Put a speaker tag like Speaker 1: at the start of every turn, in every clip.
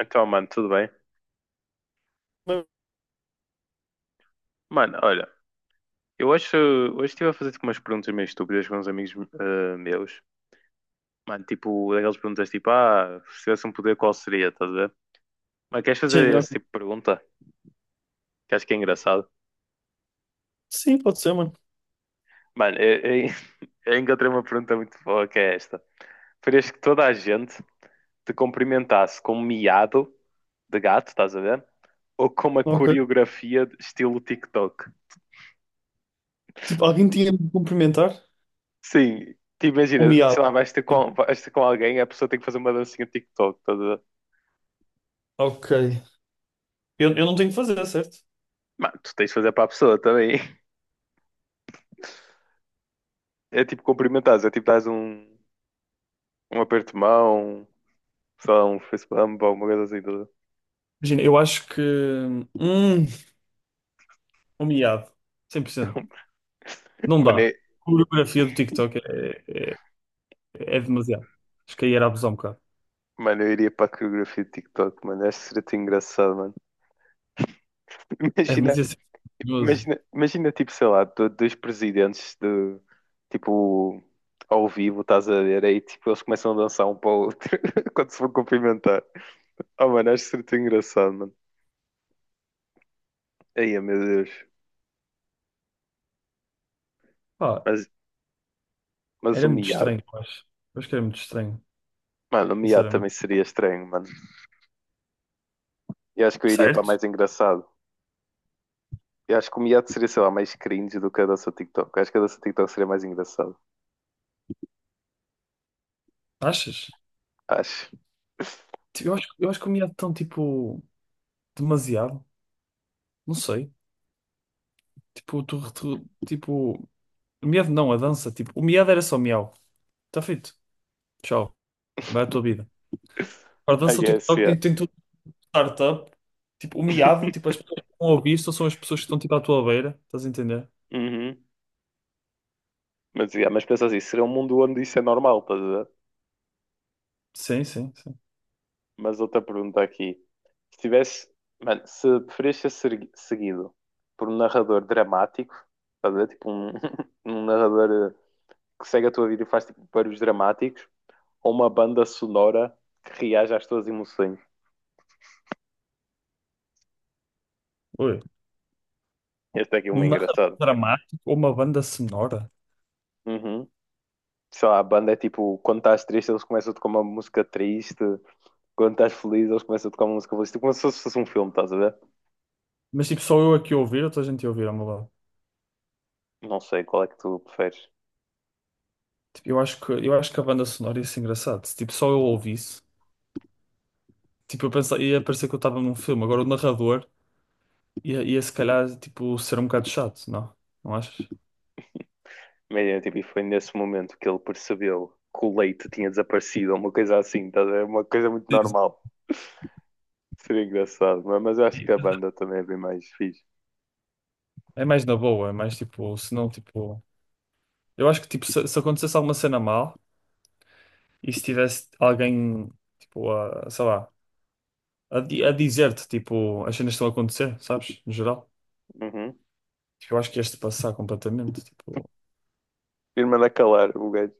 Speaker 1: Então, mano, tudo bem?
Speaker 2: Mas,
Speaker 1: Mano, olha, eu acho. Hoje estive a fazer tipo, umas perguntas meio estúpidas com uns amigos meus. Mano, tipo, daquelas perguntas tipo, ah, se tivesse um poder, qual seria? Estás a ver? Mas queres
Speaker 2: sim,
Speaker 1: fazer esse
Speaker 2: ok.
Speaker 1: tipo de pergunta? Que acho que é engraçado.
Speaker 2: Sim, pode ser, mano.
Speaker 1: Mano, eu encontrei uma pergunta muito boa que é esta. Preferias que toda a gente te cumprimentasse com um miado de gato, estás a ver? Ou com uma
Speaker 2: Ok.
Speaker 1: coreografia de estilo TikTok?
Speaker 2: Tipo, alguém tinha de me cumprimentar?
Speaker 1: Sim, te
Speaker 2: O
Speaker 1: imagina, sei lá,
Speaker 2: miado.
Speaker 1: vais ter
Speaker 2: Tipo,
Speaker 1: com, vais ter com alguém, a pessoa tem que fazer uma dancinha de TikTok toda.
Speaker 2: ok. Eu não tenho que fazer, certo?
Speaker 1: Mas tu tens de fazer para a pessoa também. É tipo cumprimentares, é tipo dás um aperto de mão, sei lá, um face bump ou alguma coisa assim toda.
Speaker 2: Imagina, eu acho que. Hum, o miado. 100% não
Speaker 1: Mano,
Speaker 2: dá. A
Speaker 1: é-
Speaker 2: coreografia do TikTok é demasiado. Acho que aí era abusar um bocado.
Speaker 1: mano, eu iria para a coreografia de TikTok, mano, acho que seria tão engraçado, mano.
Speaker 2: É
Speaker 1: Imagina,
Speaker 2: demasiado perigoso.
Speaker 1: imagina tipo, sei lá, dois presidentes de, tipo, ao vivo, estás a ver, aí tipo, eles começam a dançar um para o outro quando se vão cumprimentar. Oh, mano, acho que seria tão engraçado, mano. Ai, meu Deus.
Speaker 2: Pá,
Speaker 1: Mas, mas o
Speaker 2: era muito
Speaker 1: miado.
Speaker 2: estranho, eu acho. Eu acho que era muito estranho,
Speaker 1: Mano, o miado
Speaker 2: sinceramente.
Speaker 1: também seria estranho, mano. Eu acho que eu iria para
Speaker 2: Certo?
Speaker 1: mais engraçado. Eu acho que o miado seria, sei lá, mais cringe do que a dança TikTok. Eu acho que a dança TikTok seria mais engraçado.
Speaker 2: Achas?
Speaker 1: Acho.
Speaker 2: Tipo, eu acho que o miado tão, tipo, demasiado. Não sei. Tipo, tipo, o medo não, a dança, tipo, o medo era só miau. Está feito. Tchau. Vai à tua vida. Agora,
Speaker 1: I
Speaker 2: dança o
Speaker 1: guess,
Speaker 2: TikTok
Speaker 1: yeah.
Speaker 2: tem tudo de startup. Tipo, o miado, tipo, as pessoas que estão a ouvir só são as pessoas que estão tipo à tua beira. Estás a entender?
Speaker 1: Uhum. Mas, yeah, mas pensa assim, seria um mundo onde isso é normal, estás a ver?
Speaker 2: Sim, sim, sim.
Speaker 1: Mas outra pergunta aqui. Se tivesse, mano, se preferias seguido por um narrador dramático, estás a ver? Tipo um, um narrador que segue a tua vida e faz tipo, barulhos dramáticos, ou uma banda sonora que reaja às tuas emoções.
Speaker 2: Ui.
Speaker 1: Este aqui é uma
Speaker 2: Um narrador
Speaker 1: engraçado.
Speaker 2: dramático ou uma banda sonora?
Speaker 1: Uhum. Sei lá, a banda é tipo, quando estás triste, eles começam a tocar uma música triste, quando estás feliz, eles começam a tocar uma música feliz. Tipo, como se fosse um filme, estás a ver?
Speaker 2: Mas tipo, só eu aqui a ouvir ou toda a gente a ouvir ao meu lado?
Speaker 1: Não sei qual é que tu preferes.
Speaker 2: Tipo, eu acho que a banda sonora ia ser engraçado. Se tipo, só eu ouvisse, tipo, eu pensava, ia parecer que eu estava num filme. Agora o narrador. Ia se calhar, tipo, ser um bocado chato, não? Não achas?
Speaker 1: Mas tipo, e foi nesse momento que ele percebeu que o leite tinha desaparecido, uma coisa assim, estás a ver? Uma coisa muito
Speaker 2: Sim,
Speaker 1: normal. Seria engraçado, mas eu acho que
Speaker 2: sim.
Speaker 1: a banda também é bem mais fixe.
Speaker 2: É mais na boa, é mais tipo, se não, tipo. Eu acho que, tipo, se acontecesse alguma cena mal e se tivesse alguém, tipo, a, sei lá, a dizer-te, tipo, as cenas que estão a acontecer, sabes? No geral.
Speaker 1: Uhum.
Speaker 2: Tipo, eu acho que ias-te passar completamente, tipo.
Speaker 1: Irmã da Calar, o gajo.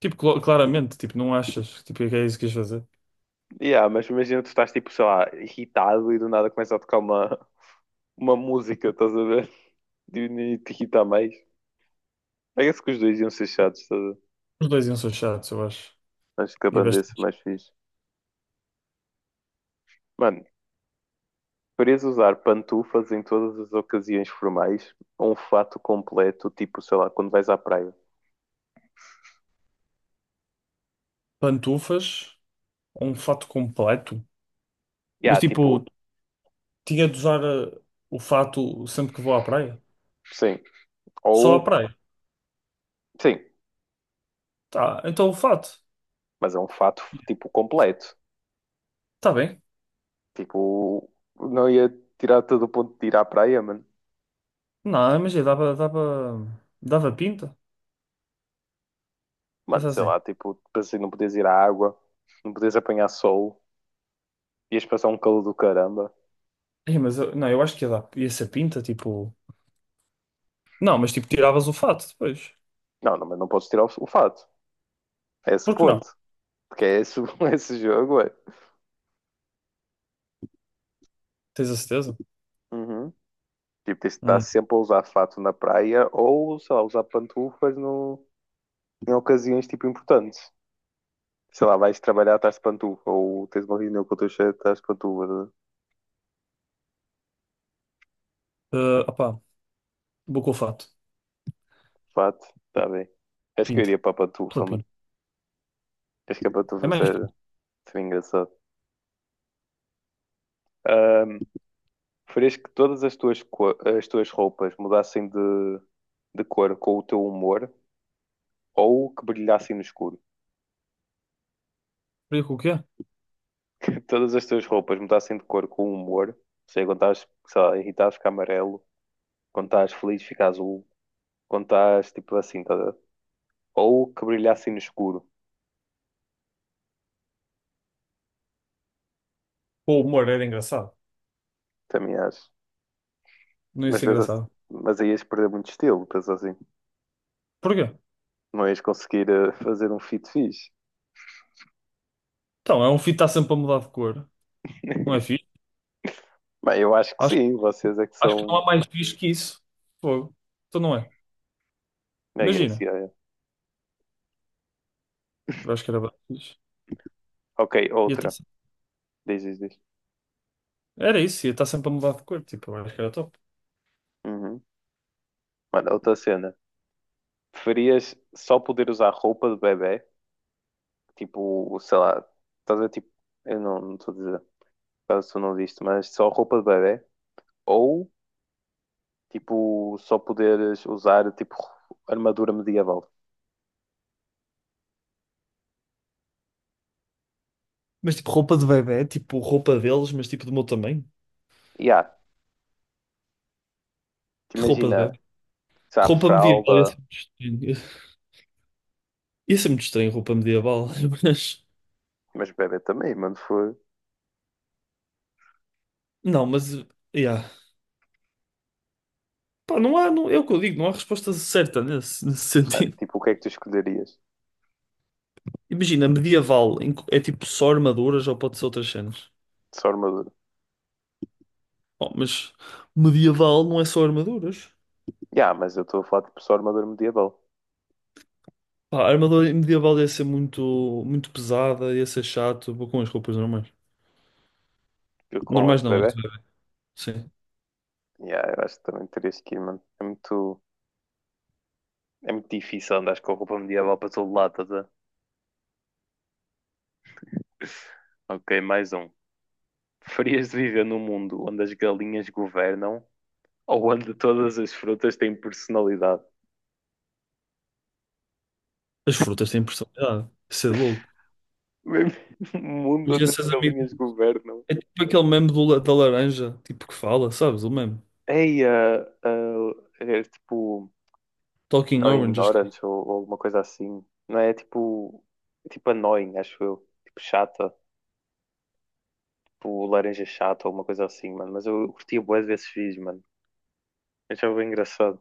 Speaker 2: Tipo, claramente, tipo, não achas? Tipo, é que é isso que ias fazer?
Speaker 1: Yeah, mas imagina tu estás tipo, sei lá, irritado e do nada começa a tocar uma, música, estás a ver? E nem te irrita mais. Parece que os dois iam ser chatos, estás a ver?
Speaker 2: Os dois iam ser chatos, eu acho.
Speaker 1: Acho que a
Speaker 2: E
Speaker 1: banda ia ser
Speaker 2: bastante.
Speaker 1: mais fixe. Mano, preferias usar pantufas em todas as ocasiões formais ou um fato completo, tipo, sei lá, quando vais à praia?
Speaker 2: Pantufas, um fato completo. Mas,
Speaker 1: Yeah,
Speaker 2: tipo.
Speaker 1: tipo,
Speaker 2: Tinha de usar o fato sempre que vou à praia?
Speaker 1: sim.
Speaker 2: Só à
Speaker 1: Ou,
Speaker 2: praia?
Speaker 1: sim,
Speaker 2: Tá, então o fato.
Speaker 1: mas é um fato, tipo, completo.
Speaker 2: Tá bem.
Speaker 1: Tipo, não ia tirar todo o ponto de ir à praia, mano.
Speaker 2: Não, imagina, dava, dava, dava pinta.
Speaker 1: Mano,
Speaker 2: Pensar
Speaker 1: sei
Speaker 2: assim.
Speaker 1: lá, tipo, pensei não podias ir à água, não podias apanhar sol, ias passar um calor do caramba.
Speaker 2: Ei, mas eu, não, eu acho que ia dar, ia ser pinta, tipo. Não, mas tipo, tiravas o fato depois.
Speaker 1: Não, não, mas não podes tirar o fato. É esse o
Speaker 2: Por que não?
Speaker 1: ponto. Porque é esse, esse jogo, é.
Speaker 2: Tens a certeza?
Speaker 1: Uhum. Tipo, tens de estar
Speaker 2: Hum.
Speaker 1: sempre a usar fato na praia ou, sei lá, usar pantufas no, em ocasiões, tipo, importantes. Sei lá, vais trabalhar, estás de pantufa, ou tens uma reunião com o teu chefe, estás de pantufa,
Speaker 2: Opá, vou com o fato.
Speaker 1: de fato, está bem. Acho que eu
Speaker 2: Pinta.
Speaker 1: iria para a
Speaker 2: Pela
Speaker 1: pantufa, mano.
Speaker 2: pinta.
Speaker 1: Acho que a
Speaker 2: É
Speaker 1: pantufa
Speaker 2: mais
Speaker 1: seria,
Speaker 2: pinta.
Speaker 1: seria engraçado. Ahm, Preferias que todas as tuas roupas mudassem de cor com o teu humor ou que brilhassem no escuro?
Speaker 2: Faria com o quê?
Speaker 1: todas as tuas roupas mudassem de cor com o humor, ou seja, quando estás, sei lá, irritado fica amarelo, quando estás feliz fica azul, quando estás tipo assim, tá a ver? Ou que brilhassem no escuro,
Speaker 2: Com o humor era engraçado.
Speaker 1: também acho.
Speaker 2: Não ia
Speaker 1: Mas,
Speaker 2: ser
Speaker 1: pensas,
Speaker 2: engraçado.
Speaker 1: mas aí ias perder muito estilo, penso assim.
Speaker 2: Porquê?
Speaker 1: Não ias conseguir fazer um fit fixe.
Speaker 2: Então, é um filho que está sempre a mudar de cor. Não é fixe?
Speaker 1: Bem, eu acho que sim, vocês é que
Speaker 2: Acho que não
Speaker 1: são.
Speaker 2: há mais fixe que isso. Fogo. Então não é.
Speaker 1: É, é,
Speaker 2: Imagina.
Speaker 1: é.
Speaker 2: Eu acho que era bem fixe.
Speaker 1: Ok,
Speaker 2: Ia ter
Speaker 1: outra.
Speaker 2: sempre-
Speaker 1: Diz, diz, diz.
Speaker 2: Era isso, ia estar sempre a mudar de cor. Tipo, eu acho que era top.
Speaker 1: Uhum. Mano, é outra cena. Preferias só poder usar roupa de bebé? Tipo, sei lá, estás a ver, tipo, eu não estou a dizer, caso tu não viste, mas só roupa de bebé? Ou, tipo, só poderes usar, tipo, armadura medieval?
Speaker 2: Mas tipo, roupa de bebê, tipo, roupa deles, mas tipo do meu tamanho.
Speaker 1: E há, te
Speaker 2: Que roupa de
Speaker 1: imagina,
Speaker 2: bebê?
Speaker 1: sei lá,
Speaker 2: Roupa medieval, ia ser
Speaker 1: fralda,
Speaker 2: muito estranho. Ia ser muito estranho roupa medieval, mas.
Speaker 1: mas bebé também, mano, foi.
Speaker 2: Não, mas. Yeah. Pá, não há, não, é o que eu digo, não há resposta certa nesse,
Speaker 1: Mano,
Speaker 2: sentido.
Speaker 1: tipo, o que é que tu escolherias?
Speaker 2: Imagina, medieval em que é tipo só armaduras ou pode ser outras cenas.
Speaker 1: Só armadura.
Speaker 2: Oh, mas medieval não é só armaduras.
Speaker 1: E há, mas eu estou a falar, tipo, só armadura medieval.
Speaker 2: Pá, a armadura medieval ia ser muito, muito pesada, ia ser chato. Vou com as roupas normais.
Speaker 1: Eu com as
Speaker 2: Normais
Speaker 1: de
Speaker 2: não, mas,
Speaker 1: bebé?
Speaker 2: sim.
Speaker 1: E há, eu acho que também terias que ir, mano. É muito. É muito difícil andar com roupa medieval para todo lado. Ok, mais um. Preferias viver num mundo onde as galinhas governam ou onde todas as frutas têm personalidade?
Speaker 2: As frutas têm personalidade. Isso é louco.
Speaker 1: Um mundo
Speaker 2: Mas
Speaker 1: onde as
Speaker 2: esses amigos.
Speaker 1: galinhas governam.
Speaker 2: É tipo aquele meme da laranja, tipo que fala, sabes? O meme.
Speaker 1: Ei, é tipo
Speaker 2: Talking
Speaker 1: Annoying
Speaker 2: Orange, acho que é.
Speaker 1: Orange ou alguma coisa assim. Não é. É tipo Annoying, acho eu. Tipo chata, tipo laranja chata ou alguma coisa assim, mano. Mas eu curtia bué desses vídeos, mano. Eu já bem engraçado.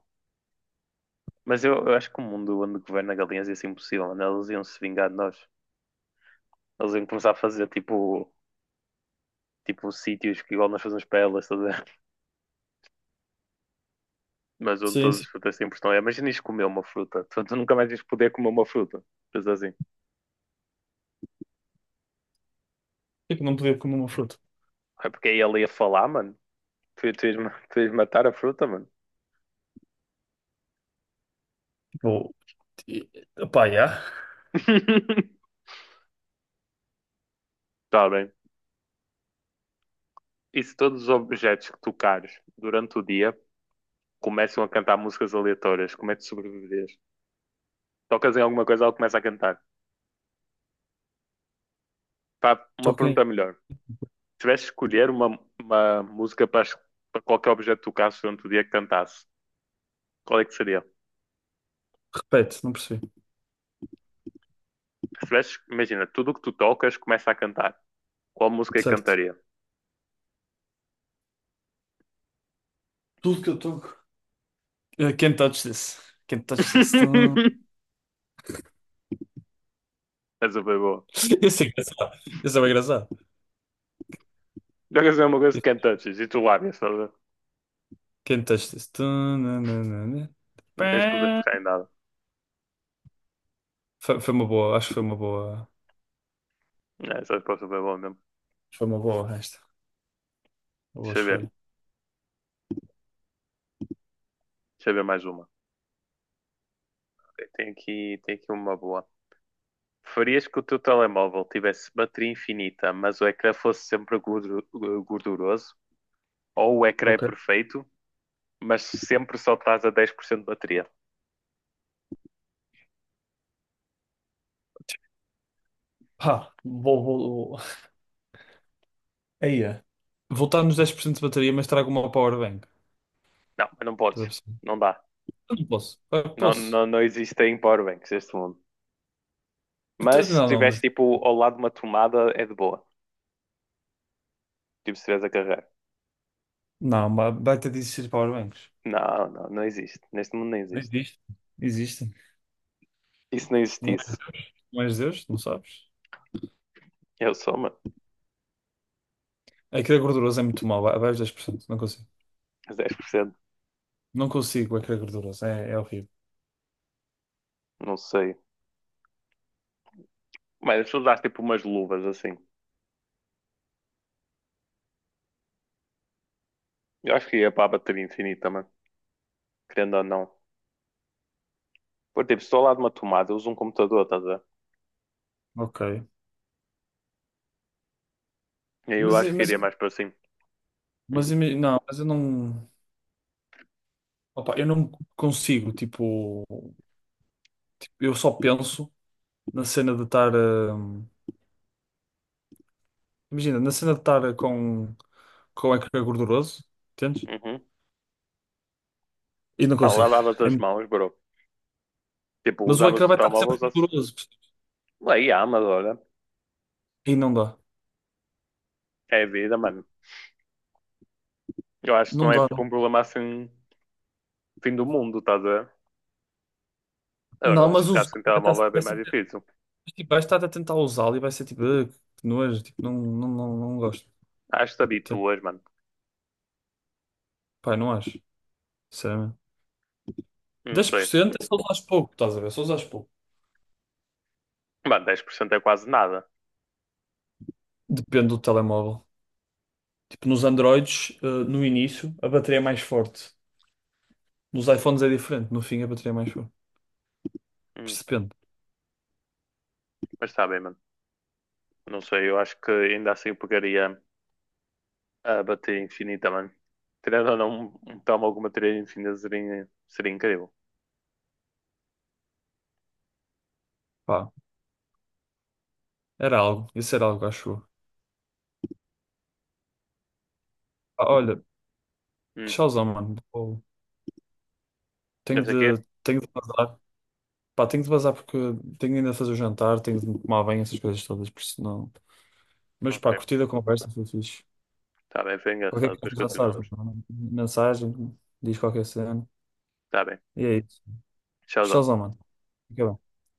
Speaker 1: Mas eu acho que o mundo onde governa galinhas ia ser impossível, mano. Elas iam se vingar de nós. Elas iam começar a fazer tipo sítios que igual nós fazemos para elas, estás a ver? Mas onde
Speaker 2: Sim,
Speaker 1: todas
Speaker 2: sim.
Speaker 1: as frutas têm pressão. Imagina isto comer uma fruta. Tu nunca mais ias poder comer uma fruta. Mas assim.
Speaker 2: Por que é que não podia comer uma fruta?
Speaker 1: É porque aí ele ia falar, mano. Tu ias matar a fruta, mano.
Speaker 2: Tipo, e- pá, yeah.
Speaker 1: Tá bem. E se todos os objetos que tocares durante o dia começam a cantar músicas aleatórias, como é que sobreviveres? Tocas em alguma coisa, ela começa a cantar. Pá, uma
Speaker 2: Talking.
Speaker 1: pergunta melhor. Tivesse de escolher uma, música para qualquer objeto que tocasse durante o dia que cantasse, qual é que seria?
Speaker 2: Repete, não percebi.
Speaker 1: Se tivesse, imagina, tudo o que tu tocas começa a cantar. Qual música é que
Speaker 2: Certo.
Speaker 1: cantaria?
Speaker 2: Tudo que eu toco. I can't touch this. Can't touch this. Não.
Speaker 1: Essa foi boa.
Speaker 2: Isso é engraçado. Isso é bem engraçado.
Speaker 1: Jogas é uma coisa que cantantes e tu lábias, estás a ver?
Speaker 2: Quem testa isso?
Speaker 1: Não tens poder de tocar em nada.
Speaker 2: Foi uma boa, acho que foi uma boa.
Speaker 1: É, essa resposta foi boa mesmo.
Speaker 2: Foi uma boa esta. Uma boa
Speaker 1: Deixa eu ver.
Speaker 2: escolha.
Speaker 1: Deixa eu ver mais uma. Tem aqui uma boa. Preferias que o teu telemóvel tivesse bateria infinita, mas o ecrã fosse sempre gorduroso? Ou o ecrã é
Speaker 2: Ok.
Speaker 1: perfeito, mas sempre só estás a 10% de bateria.
Speaker 2: Pá, vou. Aí é. Voltar nos 10% de bateria, mas trago uma power bank.
Speaker 1: Não, mas não podes,
Speaker 2: Estás a perceber?
Speaker 1: não dá.
Speaker 2: Eu não posso. Eu
Speaker 1: Não,
Speaker 2: posso.
Speaker 1: não, não existem powerbanks neste mundo. Mas
Speaker 2: Então,
Speaker 1: se
Speaker 2: Não, não,
Speaker 1: estiveres
Speaker 2: mas.
Speaker 1: tipo ao lado de uma tomada, é de boa. Tipo, se estiveres a carregar.
Speaker 2: Não, baita de existir powerbanks.
Speaker 1: Não, não, não existe. Neste mundo não existe.
Speaker 2: Existe. Existem.
Speaker 1: E se não
Speaker 2: Não és,
Speaker 1: existisse?
Speaker 2: não és Deus, não sabes?
Speaker 1: Eu sou, mano.
Speaker 2: A crer gorduroso é muito mau, abaixo de 10% não consigo.
Speaker 1: Dez por cento.
Speaker 2: Não consigo a crer gorduroso, é horrível.
Speaker 1: Não sei. Mas se usaste tipo umas luvas assim, eu acho que ia para a bateria infinita, mano. Querendo ou não. Por tipo, se estou ao lado de uma tomada, eu uso um computador, estás a ver?
Speaker 2: Ok.
Speaker 1: E aí eu
Speaker 2: Mas,
Speaker 1: acho
Speaker 2: eu-
Speaker 1: que
Speaker 2: mas,
Speaker 1: iria
Speaker 2: eu-
Speaker 1: mais para assim. Hum,
Speaker 2: não, mas eu não. Opa, eu não consigo, tipo. Eu só penso na cena de estar. Imagina, na cena de estar com o ecrã gorduroso, entendes?
Speaker 1: uhum.
Speaker 2: E não
Speaker 1: Não,
Speaker 2: consigo.
Speaker 1: lavavas
Speaker 2: É
Speaker 1: as
Speaker 2: muito-
Speaker 1: mãos, bro. Tipo,
Speaker 2: Mas o
Speaker 1: usavas
Speaker 2: ecrã
Speaker 1: o
Speaker 2: vai estar
Speaker 1: telemóvel,
Speaker 2: sempre
Speaker 1: usavas.
Speaker 2: gorduroso.
Speaker 1: Aí, há mas olha,
Speaker 2: E não dá.
Speaker 1: é a vida, mano. Eu acho que
Speaker 2: Não
Speaker 1: não é
Speaker 2: dá.
Speaker 1: tipo um problema assim, fim do mundo, estás a ver? Agora, eu
Speaker 2: Não,
Speaker 1: acho que
Speaker 2: mas
Speaker 1: ficar
Speaker 2: os.
Speaker 1: sem telemóvel é bem mais difícil.
Speaker 2: Tipo, vais estar a tentar usá-lo e vai ser tipo, "Ah, que nojo, tipo, não, não, não, não gosto."
Speaker 1: Acho que te
Speaker 2: Tipo,
Speaker 1: habituas, mano.
Speaker 2: Pai, não acho, sinceramente.
Speaker 1: Não
Speaker 2: Dez por
Speaker 1: sei.
Speaker 2: cento é só usares pouco, estás a ver? É só usares pouco.
Speaker 1: Mano, dez por cento é quase nada.
Speaker 2: Depende do telemóvel. Tipo, nos Androids, no início, a bateria é mais forte. Nos iPhones é diferente, no fim a bateria é mais forte.
Speaker 1: Hum,
Speaker 2: Percebendo.
Speaker 1: mas está bem, mano. Não sei, eu acho que ainda assim eu pegaria a bateria infinita, mano. Tirando ou não um telemóvel com bateria infinita seria incrível.
Speaker 2: Pá, era algo. Isso era algo, acho eu. Pá, olha,
Speaker 1: Hum,
Speaker 2: tchauzão, mano. Vou-
Speaker 1: já
Speaker 2: Tenho
Speaker 1: sei aqui?
Speaker 2: de, tenho de vazar. Pá, tenho de vazar porque tenho ainda de fazer o jantar, tenho de me tomar bem essas coisas todas, por isso não. Mas pá,
Speaker 1: Ok.
Speaker 2: curtida a conversa, foi fixe.
Speaker 1: Está bem, foi engraçado.
Speaker 2: Qualquer
Speaker 1: Depois
Speaker 2: coisa já sabes.
Speaker 1: continuamos.
Speaker 2: Mensagem, diz qualquer cena.
Speaker 1: Está bem.
Speaker 2: E é isso.
Speaker 1: Tchauzão.
Speaker 2: Showzão, mano. Fica bem.